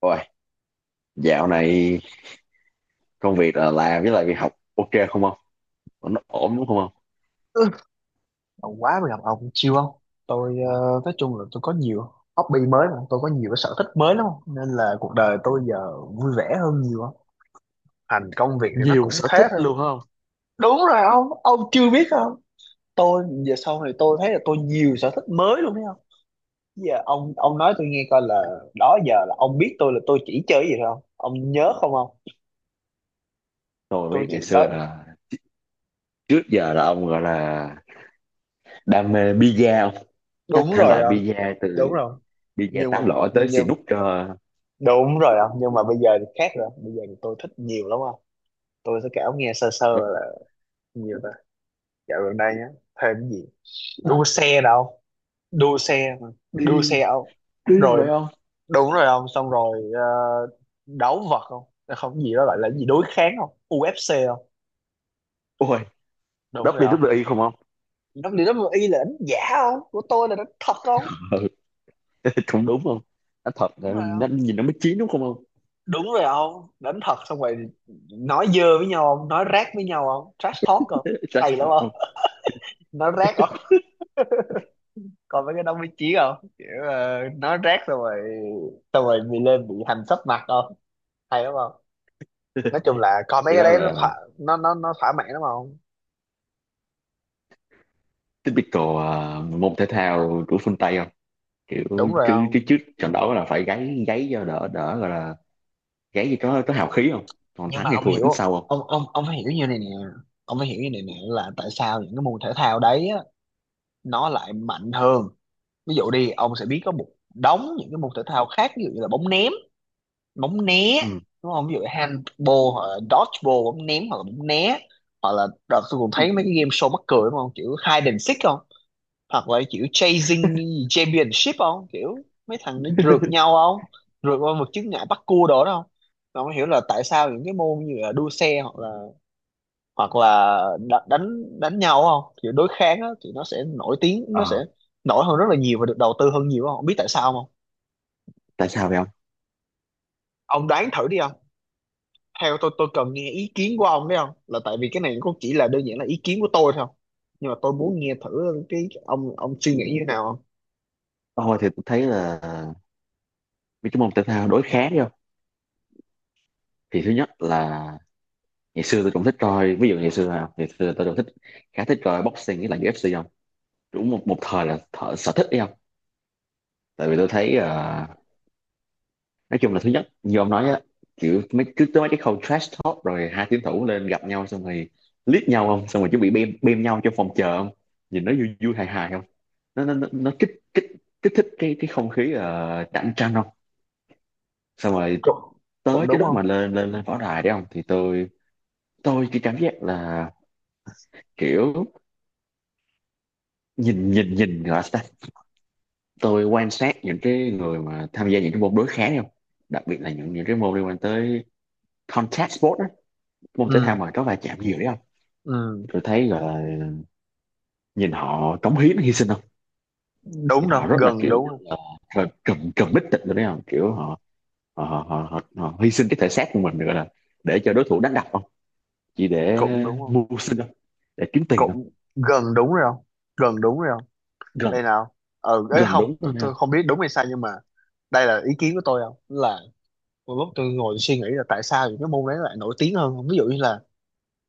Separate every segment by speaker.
Speaker 1: Ôi, dạo này công việc là làm với lại việc học ok không ông? Nó ổn đúng không ông?
Speaker 2: Ừ, ông quá mà gặp ông chiêu không? Tôi nói chung là tôi có nhiều hobby mới mà tôi có nhiều cái sở thích mới lắm nên là cuộc đời tôi giờ vui vẻ hơn nhiều á. Thành công việc thì nó
Speaker 1: Nhiều
Speaker 2: cũng
Speaker 1: sở thích
Speaker 2: thế thôi.
Speaker 1: luôn không?
Speaker 2: Đúng rồi ông chưa biết không? Tôi giờ sau này tôi thấy là tôi nhiều sở thích mới luôn thấy không? Giờ ông nói tôi nghe coi là đó giờ là ông biết tôi là tôi chỉ chơi cái gì thôi không? Ông nhớ không ông?
Speaker 1: Tôi
Speaker 2: Tôi
Speaker 1: biết ngày
Speaker 2: chỉ
Speaker 1: xưa
Speaker 2: đó,
Speaker 1: là trước giờ là ông gọi là đam mê pizza ông. Các
Speaker 2: đúng
Speaker 1: thể
Speaker 2: rồi
Speaker 1: loại
Speaker 2: ông.
Speaker 1: pizza từ
Speaker 2: Đúng rồi.
Speaker 1: pizza
Speaker 2: Nhưng mà
Speaker 1: tán lõi tới xì
Speaker 2: nhưng
Speaker 1: nút cho
Speaker 2: đúng rồi không? Nhưng mà bây giờ thì khác rồi. Bây giờ thì tôi thích nhiều lắm không? Tôi với Cáo nghe sơ sơ là nhiều ta, dạo gần đây nhá, thêm cái gì, đua
Speaker 1: à,
Speaker 2: xe đâu, đua xe mà. Đua
Speaker 1: điên
Speaker 2: xe ông,
Speaker 1: điên
Speaker 2: rồi
Speaker 1: vậy không?
Speaker 2: đúng rồi ông, xong rồi đấu vật không? Là không, cái gì đó gọi là cái gì đối kháng không, UFC không?
Speaker 1: Ôi,
Speaker 2: Đúng
Speaker 1: đắp
Speaker 2: rồi
Speaker 1: đi đắp
Speaker 2: không,
Speaker 1: đi không ông?
Speaker 2: nó liệu nó y là đánh giả không, của tôi là đánh thật không?
Speaker 1: Ừ, cũng đúng không? Nó thật
Speaker 2: Đúng
Speaker 1: là
Speaker 2: rồi
Speaker 1: nó
Speaker 2: không,
Speaker 1: nhìn nó mới chín đúng không ông?
Speaker 2: đúng rồi không, đánh thật xong rồi nói dơ với nhau không, nói rác với nhau không, trash talk không,
Speaker 1: Chắc
Speaker 2: hay
Speaker 1: thật
Speaker 2: lắm
Speaker 1: không?
Speaker 2: không. Nói rác, coi mấy cái đó mới chí không, kiểu nói rác xong rồi, xong rồi bị lên bị hành sấp mặt không, hay đúng không. Nói chung là coi mấy
Speaker 1: Vậy
Speaker 2: cái
Speaker 1: đó
Speaker 2: đấy nó
Speaker 1: là
Speaker 2: thỏa, nó thỏa mãn đúng không,
Speaker 1: typical môn thể thao của phương Tây không? Kiểu
Speaker 2: đúng rồi
Speaker 1: chứ, cái trước
Speaker 2: không.
Speaker 1: trận đấu là phải gáy gáy cho đỡ đỡ gọi là gáy gì có hào khí không, còn
Speaker 2: Nhưng
Speaker 1: thắng
Speaker 2: mà
Speaker 1: thì
Speaker 2: ông
Speaker 1: thua tính
Speaker 2: hiểu,
Speaker 1: sau không?
Speaker 2: ông phải hiểu như này nè, ông phải hiểu như này nè là tại sao những cái môn thể thao đấy á, nó lại mạnh hơn. Ví dụ đi, ông sẽ biết có một đống những cái môn thể thao khác, ví dụ như là bóng ném, bóng né
Speaker 1: Ừ.
Speaker 2: đúng không, ví dụ handball hoặc là dodgeball, bóng ném hoặc là bóng né, hoặc là đợt tôi cũng thấy mấy cái game show mắc cười đúng không, kiểu hide and seek không, hoặc là kiểu chasing championship không, kiểu mấy thằng nó rượt nhau không, rượt qua một chướng ngại bắt cua đồ đó không. Tôi không hiểu là tại sao những cái môn như là đua xe hoặc là đánh đánh nhau không, kiểu đối kháng á, thì nó sẽ nổi tiếng, nó sẽ
Speaker 1: Ờ,
Speaker 2: nổi hơn rất là nhiều và được đầu tư hơn nhiều không, không biết tại sao không.
Speaker 1: tại sao vậy không?
Speaker 2: Ông đoán thử đi, theo tôi cần nghe ý kiến của ông đấy không, là tại vì cái này cũng chỉ là đơn giản là ý kiến của tôi thôi, nhưng mà tôi muốn nghe thử cái ông suy nghĩ như thế nào không.
Speaker 1: Tôi thì tôi thấy là mấy cái môn thể thao đối kháng không? Thì thứ nhất là ngày xưa tôi cũng thích coi, ví dụ ngày xưa không? Ngày xưa tôi cũng thích, khá thích coi boxing với lại UFC không? Đúng một, một thời là thợ, sở thích đi không? Tại vì tôi thấy nói chung là thứ nhất như ông nói á, kiểu mấy cứ tới mấy cái khâu trash talk rồi hai tuyển thủ lên gặp nhau xong rồi liếc nhau không, xong rồi chuẩn bị bem bem nhau trong phòng chờ không, nhìn nó vui vui hài hài không, nó kích kích kích thích cái không khí cạnh tranh không. Xong rồi
Speaker 2: Cũng, cũng
Speaker 1: tới cái
Speaker 2: đúng
Speaker 1: lúc mà
Speaker 2: không.
Speaker 1: lên lên lên võ đài đấy không thì tôi chỉ cảm giác là kiểu nhìn nhìn nhìn gọi là sao ta? Tôi quan sát những cái người mà tham gia những cái môn đối kháng đấy không, đặc biệt là những cái môn liên quan tới contact sport á, môn thể thao
Speaker 2: Ừ,
Speaker 1: mà có va chạm nhiều đấy không,
Speaker 2: ừ,
Speaker 1: tôi thấy gọi là nhìn họ cống hiến hy sinh không,
Speaker 2: đúng
Speaker 1: nhìn
Speaker 2: đâu
Speaker 1: họ rất là
Speaker 2: gần
Speaker 1: kiểu
Speaker 2: đúng
Speaker 1: rất
Speaker 2: không,
Speaker 1: là cầm cầm bích tịch rồi đấy không, kiểu họ họ, hy sinh cái thể xác của mình gọi là để cho đối thủ đánh đập không, chỉ để
Speaker 2: cũng đúng không,
Speaker 1: mưu sinh không, để kiếm tiền không.
Speaker 2: cũng gần đúng rồi không, gần đúng rồi không.
Speaker 1: Gần,
Speaker 2: Đây nào, ừ ấy
Speaker 1: gần
Speaker 2: không,
Speaker 1: đúng
Speaker 2: tôi
Speaker 1: rồi nha.
Speaker 2: tôi không biết đúng hay sai nhưng mà đây là ý kiến của tôi không, là một lúc tôi ngồi suy nghĩ là tại sao những cái môn đấy lại nổi tiếng hơn không, ví dụ như là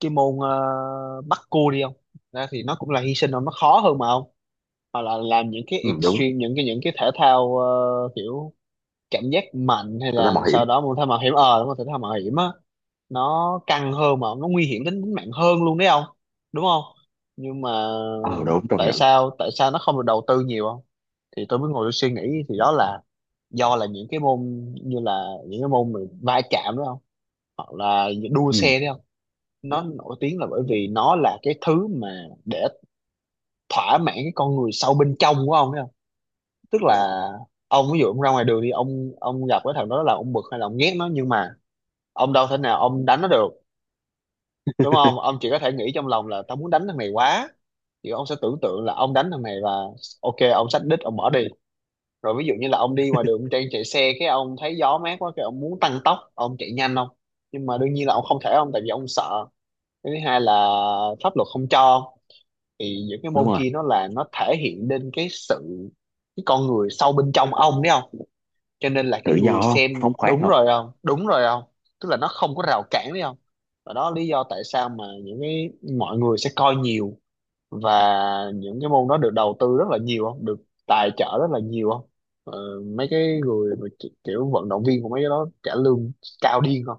Speaker 2: cái môn bắt cua đi không, ra thì nó cũng là hy sinh không, nó khó hơn mà không, hoặc là làm những cái
Speaker 1: Ừ, đúng.
Speaker 2: extreme, những cái thể thao kiểu cảm giác mạnh hay
Speaker 1: Tôi ta
Speaker 2: là
Speaker 1: mạo hiểm.
Speaker 2: sau đó môn thể thao mạo hiểm, ờ đúng không, thể thao mạo hiểm á, nó căng hơn mà, nó nguy hiểm đến tính mạng hơn luôn đấy không, đúng không. Nhưng mà
Speaker 1: Ờ đúng công
Speaker 2: tại
Speaker 1: nhận.
Speaker 2: sao, tại sao nó không được đầu tư nhiều không? Thì tôi mới ngồi tôi suy nghĩ thì đó là do là những cái môn như là những cái môn mà va chạm đúng không, hoặc là đua
Speaker 1: Ừ,
Speaker 2: xe đúng không, nó nổi tiếng là bởi vì nó là cái thứ mà để thỏa mãn cái con người sâu bên trong của ông. Tức là ông, ví dụ ông ra ngoài đường đi, ông gặp cái thằng đó là ông bực hay là ông ghét nó, nhưng mà ông đâu thể nào ông đánh nó được đúng không, ông chỉ có thể nghĩ trong lòng là tao muốn đánh thằng này quá, thì ông sẽ tưởng tượng là ông đánh thằng này và ok ông xách đít ông bỏ đi. Rồi ví dụ như là ông đi ngoài đường ông đang chạy xe cái ông thấy gió mát quá cái ông muốn tăng tốc ông chạy nhanh không, nhưng mà đương nhiên là ông không thể ông tại vì ông sợ, cái thứ hai là pháp luật không cho. Thì những cái
Speaker 1: đúng
Speaker 2: môn
Speaker 1: rồi.
Speaker 2: kia nó là nó thể hiện lên cái sự, cái con người sâu bên trong ông đấy, cho nên là cái
Speaker 1: Tự
Speaker 2: người
Speaker 1: do không,
Speaker 2: xem,
Speaker 1: phóng khoáng
Speaker 2: đúng
Speaker 1: thôi.
Speaker 2: rồi không, đúng rồi không, tức là nó không có rào cản đấy không. Và đó là lý do tại sao mà những cái mọi người sẽ coi nhiều, và những cái môn đó được đầu tư rất là nhiều không, được tài trợ rất là nhiều không. ờ, Mấy cái người mà kiểu vận động viên của mấy cái đó trả lương cao điên không,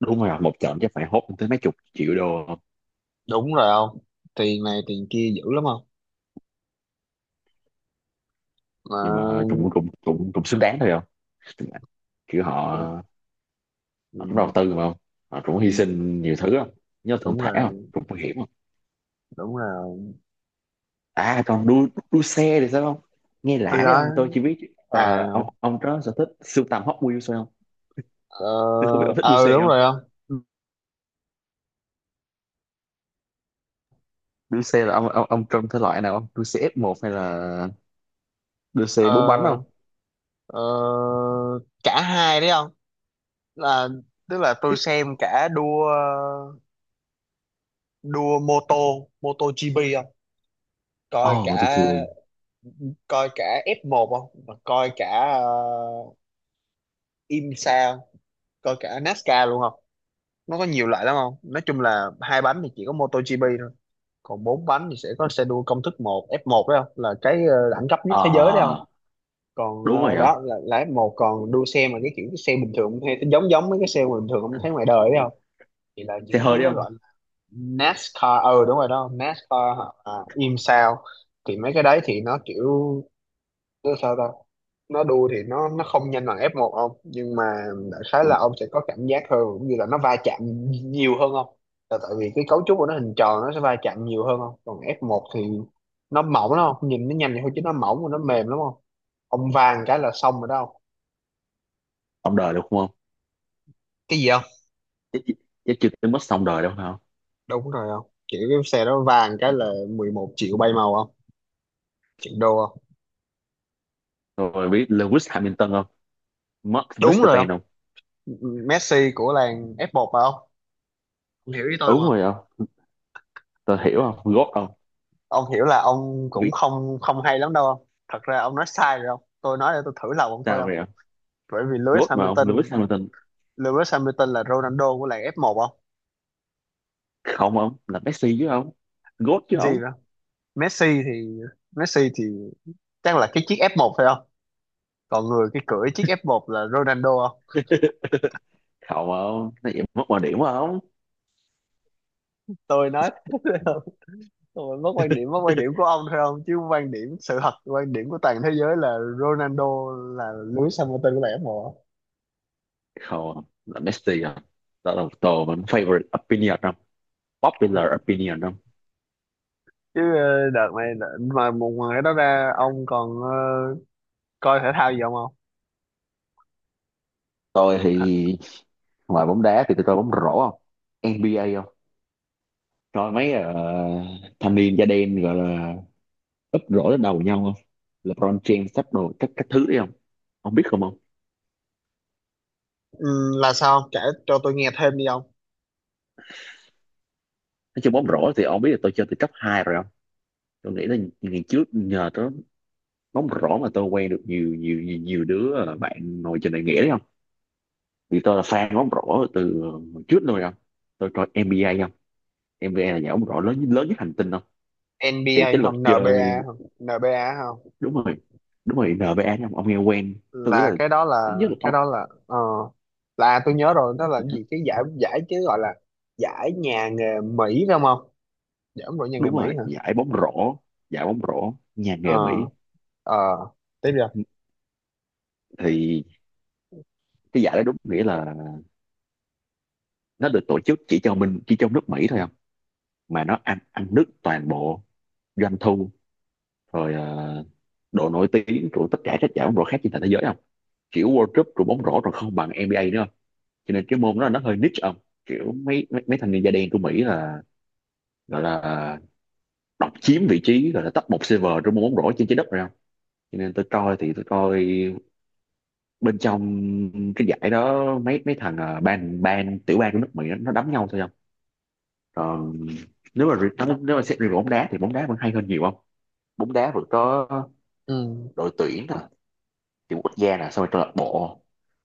Speaker 1: Đúng rồi, một trận chắc phải hốt tới mấy chục triệu đô không.
Speaker 2: đúng rồi không, tiền này tiền kia dữ lắm không. Ờ,
Speaker 1: Nhưng mà cũng cũng xứng đáng thôi không, kiểu họ,
Speaker 2: ừ, ừ,
Speaker 1: họ cũng đầu tư mà không, họ cũng hy sinh nhiều thứ không, nhớ thong
Speaker 2: đúng
Speaker 1: thả không
Speaker 2: rồi,
Speaker 1: cũng nguy hiểm không.
Speaker 2: đúng rồi.
Speaker 1: À, còn đua đua xe thì sao không? Nghe
Speaker 2: Đi
Speaker 1: lạ đấy
Speaker 2: đó,
Speaker 1: ông, tôi chỉ biết
Speaker 2: à,
Speaker 1: ông có sở thích sưu tầm Hot Wheels thôi không,
Speaker 2: ờ,
Speaker 1: tôi không biết ông thích đua
Speaker 2: ờ,
Speaker 1: xe
Speaker 2: đúng
Speaker 1: không.
Speaker 2: rồi không,
Speaker 1: Đua xe là ông ông trong thể loại nào không, đua xe f một hay là đua xe bốn bánh không?
Speaker 2: ờ. Ờ, cả hai đấy không, là tức là tôi xem cả đua, đua mô tô, mô tô GP không, coi
Speaker 1: Ồ, mà
Speaker 2: cả
Speaker 1: tôi chưa đi.
Speaker 2: coi cả F1 không. Và coi cả IMSA không? Coi cả NASCAR luôn không, nó có nhiều loại lắm không. Nói chung là hai bánh thì chỉ có mô tô GP thôi, còn bốn bánh thì sẽ có xe đua công thức một F1 đấy không, là cái đẳng cấp nhất thế giới đấy không.
Speaker 1: Ờ,
Speaker 2: Còn
Speaker 1: đúng rồi không?
Speaker 2: đó là F1, còn đua xe mà cái kiểu cái xe bình thường cũng thấy giống giống mấy cái xe bình thường không, thấy ngoài đời đấy, thì là những
Speaker 1: Xe
Speaker 2: cái
Speaker 1: hơi
Speaker 2: thứ đó
Speaker 1: đấy không?
Speaker 2: gọi là NASCAR. Ừ đúng rồi đó, NASCAR hả? À, im sao. Thì mấy cái đấy thì nó kiểu nó sao ta, nó đua thì nó không nhanh bằng F1 ông, nhưng mà đại khái
Speaker 1: Đúng.
Speaker 2: là ông sẽ có cảm giác hơn, cũng như là nó va chạm nhiều hơn không, là tại vì cái cấu trúc của nó hình tròn nó sẽ va chạm nhiều hơn không. Còn F1 thì nó mỏng lắm không, nhìn nó nhanh vậy thôi chứ nó mỏng và nó mềm lắm không, ông vàng cái là xong rồi đó không.
Speaker 1: Ông đời được không không?
Speaker 2: Cái gì không?
Speaker 1: Chắc, chắc chưa tới mất xong đời đâu phải không?
Speaker 2: Đúng rồi không, kiểu cái xe đó vàng cái là 11 triệu bay màu không, triệu đô không,
Speaker 1: Rồi biết Lewis Hamilton không? Max
Speaker 2: đúng rồi
Speaker 1: Verstappen
Speaker 2: không.
Speaker 1: không?
Speaker 2: Messi của làng F1 phải không ông? Ông hiểu ý tôi
Speaker 1: Đúng
Speaker 2: mà.
Speaker 1: rồi không? Tôi hiểu không? Gót không?
Speaker 2: Ông hiểu là ông cũng không không hay lắm đâu không. Thật ra ông nói sai rồi ông, tôi nói để tôi thử lòng ông thôi
Speaker 1: Sao
Speaker 2: ông.
Speaker 1: vậy ông?
Speaker 2: Bởi vì Lewis
Speaker 1: GOAT mà ông, Lewis
Speaker 2: Hamilton,
Speaker 1: Hamilton.
Speaker 2: Lewis Hamilton là Ronaldo của làng F1 không?
Speaker 1: Không ông, là Messi chứ ông. GOAT chứ
Speaker 2: Gì
Speaker 1: ông.
Speaker 2: đó. Messi thì Messi thì chắc là cái chiếc F1 phải không? Còn người cái cưỡi chiếc F1 là Ronaldo không?
Speaker 1: Không ông, nó vậy mất mọi điểm quá ông.
Speaker 2: Tôi nói thế thôi không, tôi mất quan điểm, mất quan điểm của ông thôi không, chứ quan điểm sự thật, quan điểm của toàn thế giới là Ronaldo là Lewis Hamilton của làng F1
Speaker 1: Không ông, là Messi đó là một tôi mình favorite opinion ông. Popular opinion ông.
Speaker 2: chứ. Mà một ngoài đó ra ông còn coi thể thao gì không không?
Speaker 1: Tôi thì
Speaker 2: Hả?
Speaker 1: ngoài bóng đá thì tôi coi bóng rổ không? NBA không? Coi mấy thanh niên da đen gọi là úp rổ lên đầu nhau không? LeBron James sắp đồ các thứ đấy không? Ông biết không ông?
Speaker 2: Ừ, là sao, ông kể cho tôi nghe thêm đi ông.
Speaker 1: Nói chung bóng rổ thì ông biết là tôi chơi từ cấp 2 rồi không? Tôi nghĩ là ngày trước nhờ đó bóng rổ mà tôi quen được nhiều đứa bạn ngồi trên đại nghĩa đấy không, vì tôi là fan bóng rổ từ hồi trước luôn không, tôi coi NBA không, NBA là nhà bóng rổ lớn lớn nhất hành tinh không. Thì
Speaker 2: NBA
Speaker 1: cái luật
Speaker 2: không,
Speaker 1: chơi
Speaker 2: NBA không, NBA không,
Speaker 1: đúng rồi, đúng rồi NBA không, ông nghe quen. Tôi nghĩ
Speaker 2: là
Speaker 1: là
Speaker 2: cái đó
Speaker 1: ít
Speaker 2: là
Speaker 1: nhất là
Speaker 2: cái
Speaker 1: ông
Speaker 2: đó là là tôi nhớ rồi, nó là cái gì cái giải giải chứ gọi là giải nhà nghề Mỹ phải không không, giải ông đội nhà nghề
Speaker 1: đúng
Speaker 2: Mỹ
Speaker 1: rồi
Speaker 2: hả.
Speaker 1: giải bóng rổ, giải bóng rổ nhà
Speaker 2: Ờ,
Speaker 1: nghề Mỹ.
Speaker 2: ờ, tiếp rồi.
Speaker 1: Thì cái giải đó đúng nghĩa là nó được tổ chức chỉ cho mình chỉ trong nước Mỹ thôi không, mà nó ăn ăn đứt toàn bộ doanh thu rồi độ nổi tiếng của tất cả các giải bóng rổ khác trên toàn thế giới không, kiểu World Cup rồi bóng rổ còn không bằng NBA nữa không, cho nên cái môn đó nó hơi niche không, kiểu mấy mấy, mấy thanh niên da đen của Mỹ là gọi là độc chiếm vị trí gọi là top một server trong môn bóng rổ trên trái đất rồi không. Cho nên tôi coi thì tôi coi bên trong cái giải đó mấy mấy thằng ban ban tiểu bang của nước Mỹ nó đấm nhau thôi không. Còn nếu mà nếu mà xét riêng về bóng đá thì bóng đá vẫn hay hơn nhiều không, bóng đá vẫn có
Speaker 2: Ừ,
Speaker 1: đội tuyển nè, kiểu quốc gia nè, xong rồi câu lạc bộ,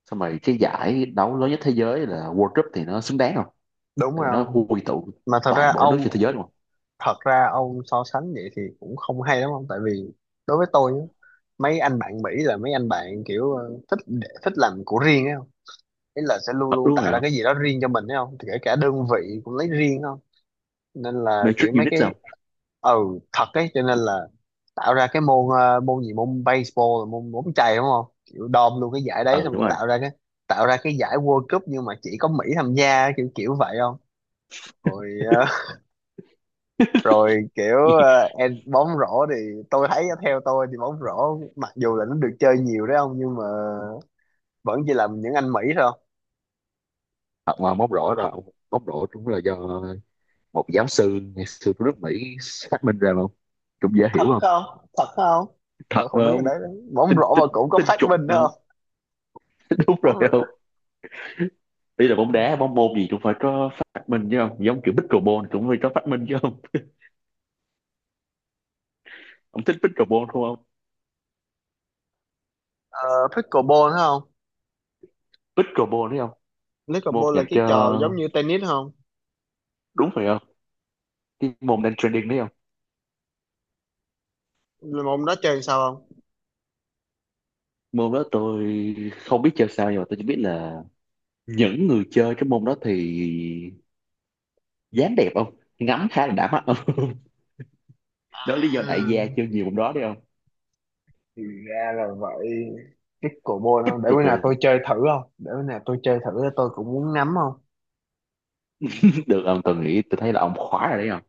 Speaker 1: xong rồi cái giải đấu lớn nhất thế giới là World Cup thì nó xứng đáng không,
Speaker 2: đúng
Speaker 1: tại vì
Speaker 2: rồi
Speaker 1: nó
Speaker 2: không.
Speaker 1: quy tụ
Speaker 2: Mà thật ra
Speaker 1: toàn bộ các nước
Speaker 2: ông,
Speaker 1: trên thế giới đúng không.
Speaker 2: thật ra ông so sánh vậy thì cũng không hay lắm ông, tại vì đối với tôi nhá, mấy anh bạn Mỹ là mấy anh bạn kiểu thích thích làm của riêng ấy không, ý là sẽ luôn
Speaker 1: Ờ,
Speaker 2: luôn
Speaker 1: đúng
Speaker 2: tạo
Speaker 1: rồi
Speaker 2: ra
Speaker 1: hả?
Speaker 2: cái gì đó riêng cho mình ấy không, thì kể cả đơn vị cũng lấy riêng không, nên là kiểu
Speaker 1: Matrix
Speaker 2: mấy
Speaker 1: Unit
Speaker 2: cái,
Speaker 1: sao?
Speaker 2: ừ thật ấy, cho nên là tạo ra cái môn môn gì, môn baseball là môn bóng chày đúng không, kiểu đom luôn cái giải đấy
Speaker 1: Ừ
Speaker 2: xong
Speaker 1: đúng
Speaker 2: rồi
Speaker 1: rồi.
Speaker 2: tạo ra cái giải World Cup nhưng mà chỉ có Mỹ tham gia, kiểu kiểu vậy không. Rồi rồi, kiểu em bóng rổ thì tôi thấy á, theo tôi thì bóng rổ mặc dù là nó được chơi nhiều đấy không nhưng mà vẫn chỉ là những anh Mỹ thôi.
Speaker 1: Ờ, mà móc rổ là móc rổ cũng là do một giáo sư ngày xưa của nước Mỹ phát minh ra mà không, cũng dễ
Speaker 2: Thật
Speaker 1: hiểu không,
Speaker 2: không, thật không,
Speaker 1: thật
Speaker 2: tôi
Speaker 1: mà
Speaker 2: không biết cái
Speaker 1: không.
Speaker 2: đấy nữa. Bóng
Speaker 1: tin
Speaker 2: rổ
Speaker 1: tin
Speaker 2: mà cũng có
Speaker 1: tin
Speaker 2: phát
Speaker 1: chuẩn
Speaker 2: minh
Speaker 1: mà không.
Speaker 2: đó
Speaker 1: Đúng
Speaker 2: không.
Speaker 1: rồi
Speaker 2: Bóng,
Speaker 1: không, bây giờ bóng đá bóng môn gì cũng phải có phát minh chứ không, giống kiểu pickleball cũng phải có phát minh chứ không. Ông thích pickleball đúng không?
Speaker 2: pickleball đó không,
Speaker 1: Pickleball đấy không, môn
Speaker 2: pickleball là
Speaker 1: dành
Speaker 2: cái
Speaker 1: cho
Speaker 2: trò giống như tennis không.
Speaker 1: đúng phải không, cái môn đang trending đấy không.
Speaker 2: Là môn đó chơi sao không.
Speaker 1: Môn đó tôi không biết chơi sao nhưng mà tôi chỉ biết là những người chơi cái môn đó thì dáng đẹp không, ngắm khá là đã mắt không. Đó là lý
Speaker 2: À,
Speaker 1: do đại gia chơi nhiều môn đó đấy không.
Speaker 2: thì ra là vậy, pickleball
Speaker 1: Bích
Speaker 2: không, để
Speaker 1: ruột
Speaker 2: bữa nào
Speaker 1: buồn
Speaker 2: tôi chơi thử không, để bữa nào tôi chơi thử, tôi cũng muốn nắm không.
Speaker 1: được ông, tôi nghĩ tôi thấy là ông khóa rồi đấy không.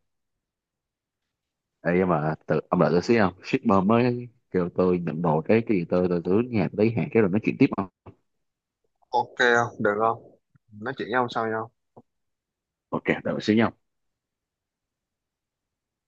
Speaker 1: Ê, nhưng mà tự, ông đợi tôi xíu không, shipper mới kêu tôi nhận đồ cái gì, tôi cứ nhà tôi lấy hàng cái rồi nói chuyện tiếp không.
Speaker 2: Ok không, được không, nói chuyện với ông sau nha.
Speaker 1: Ok đợi tôi xíu nha.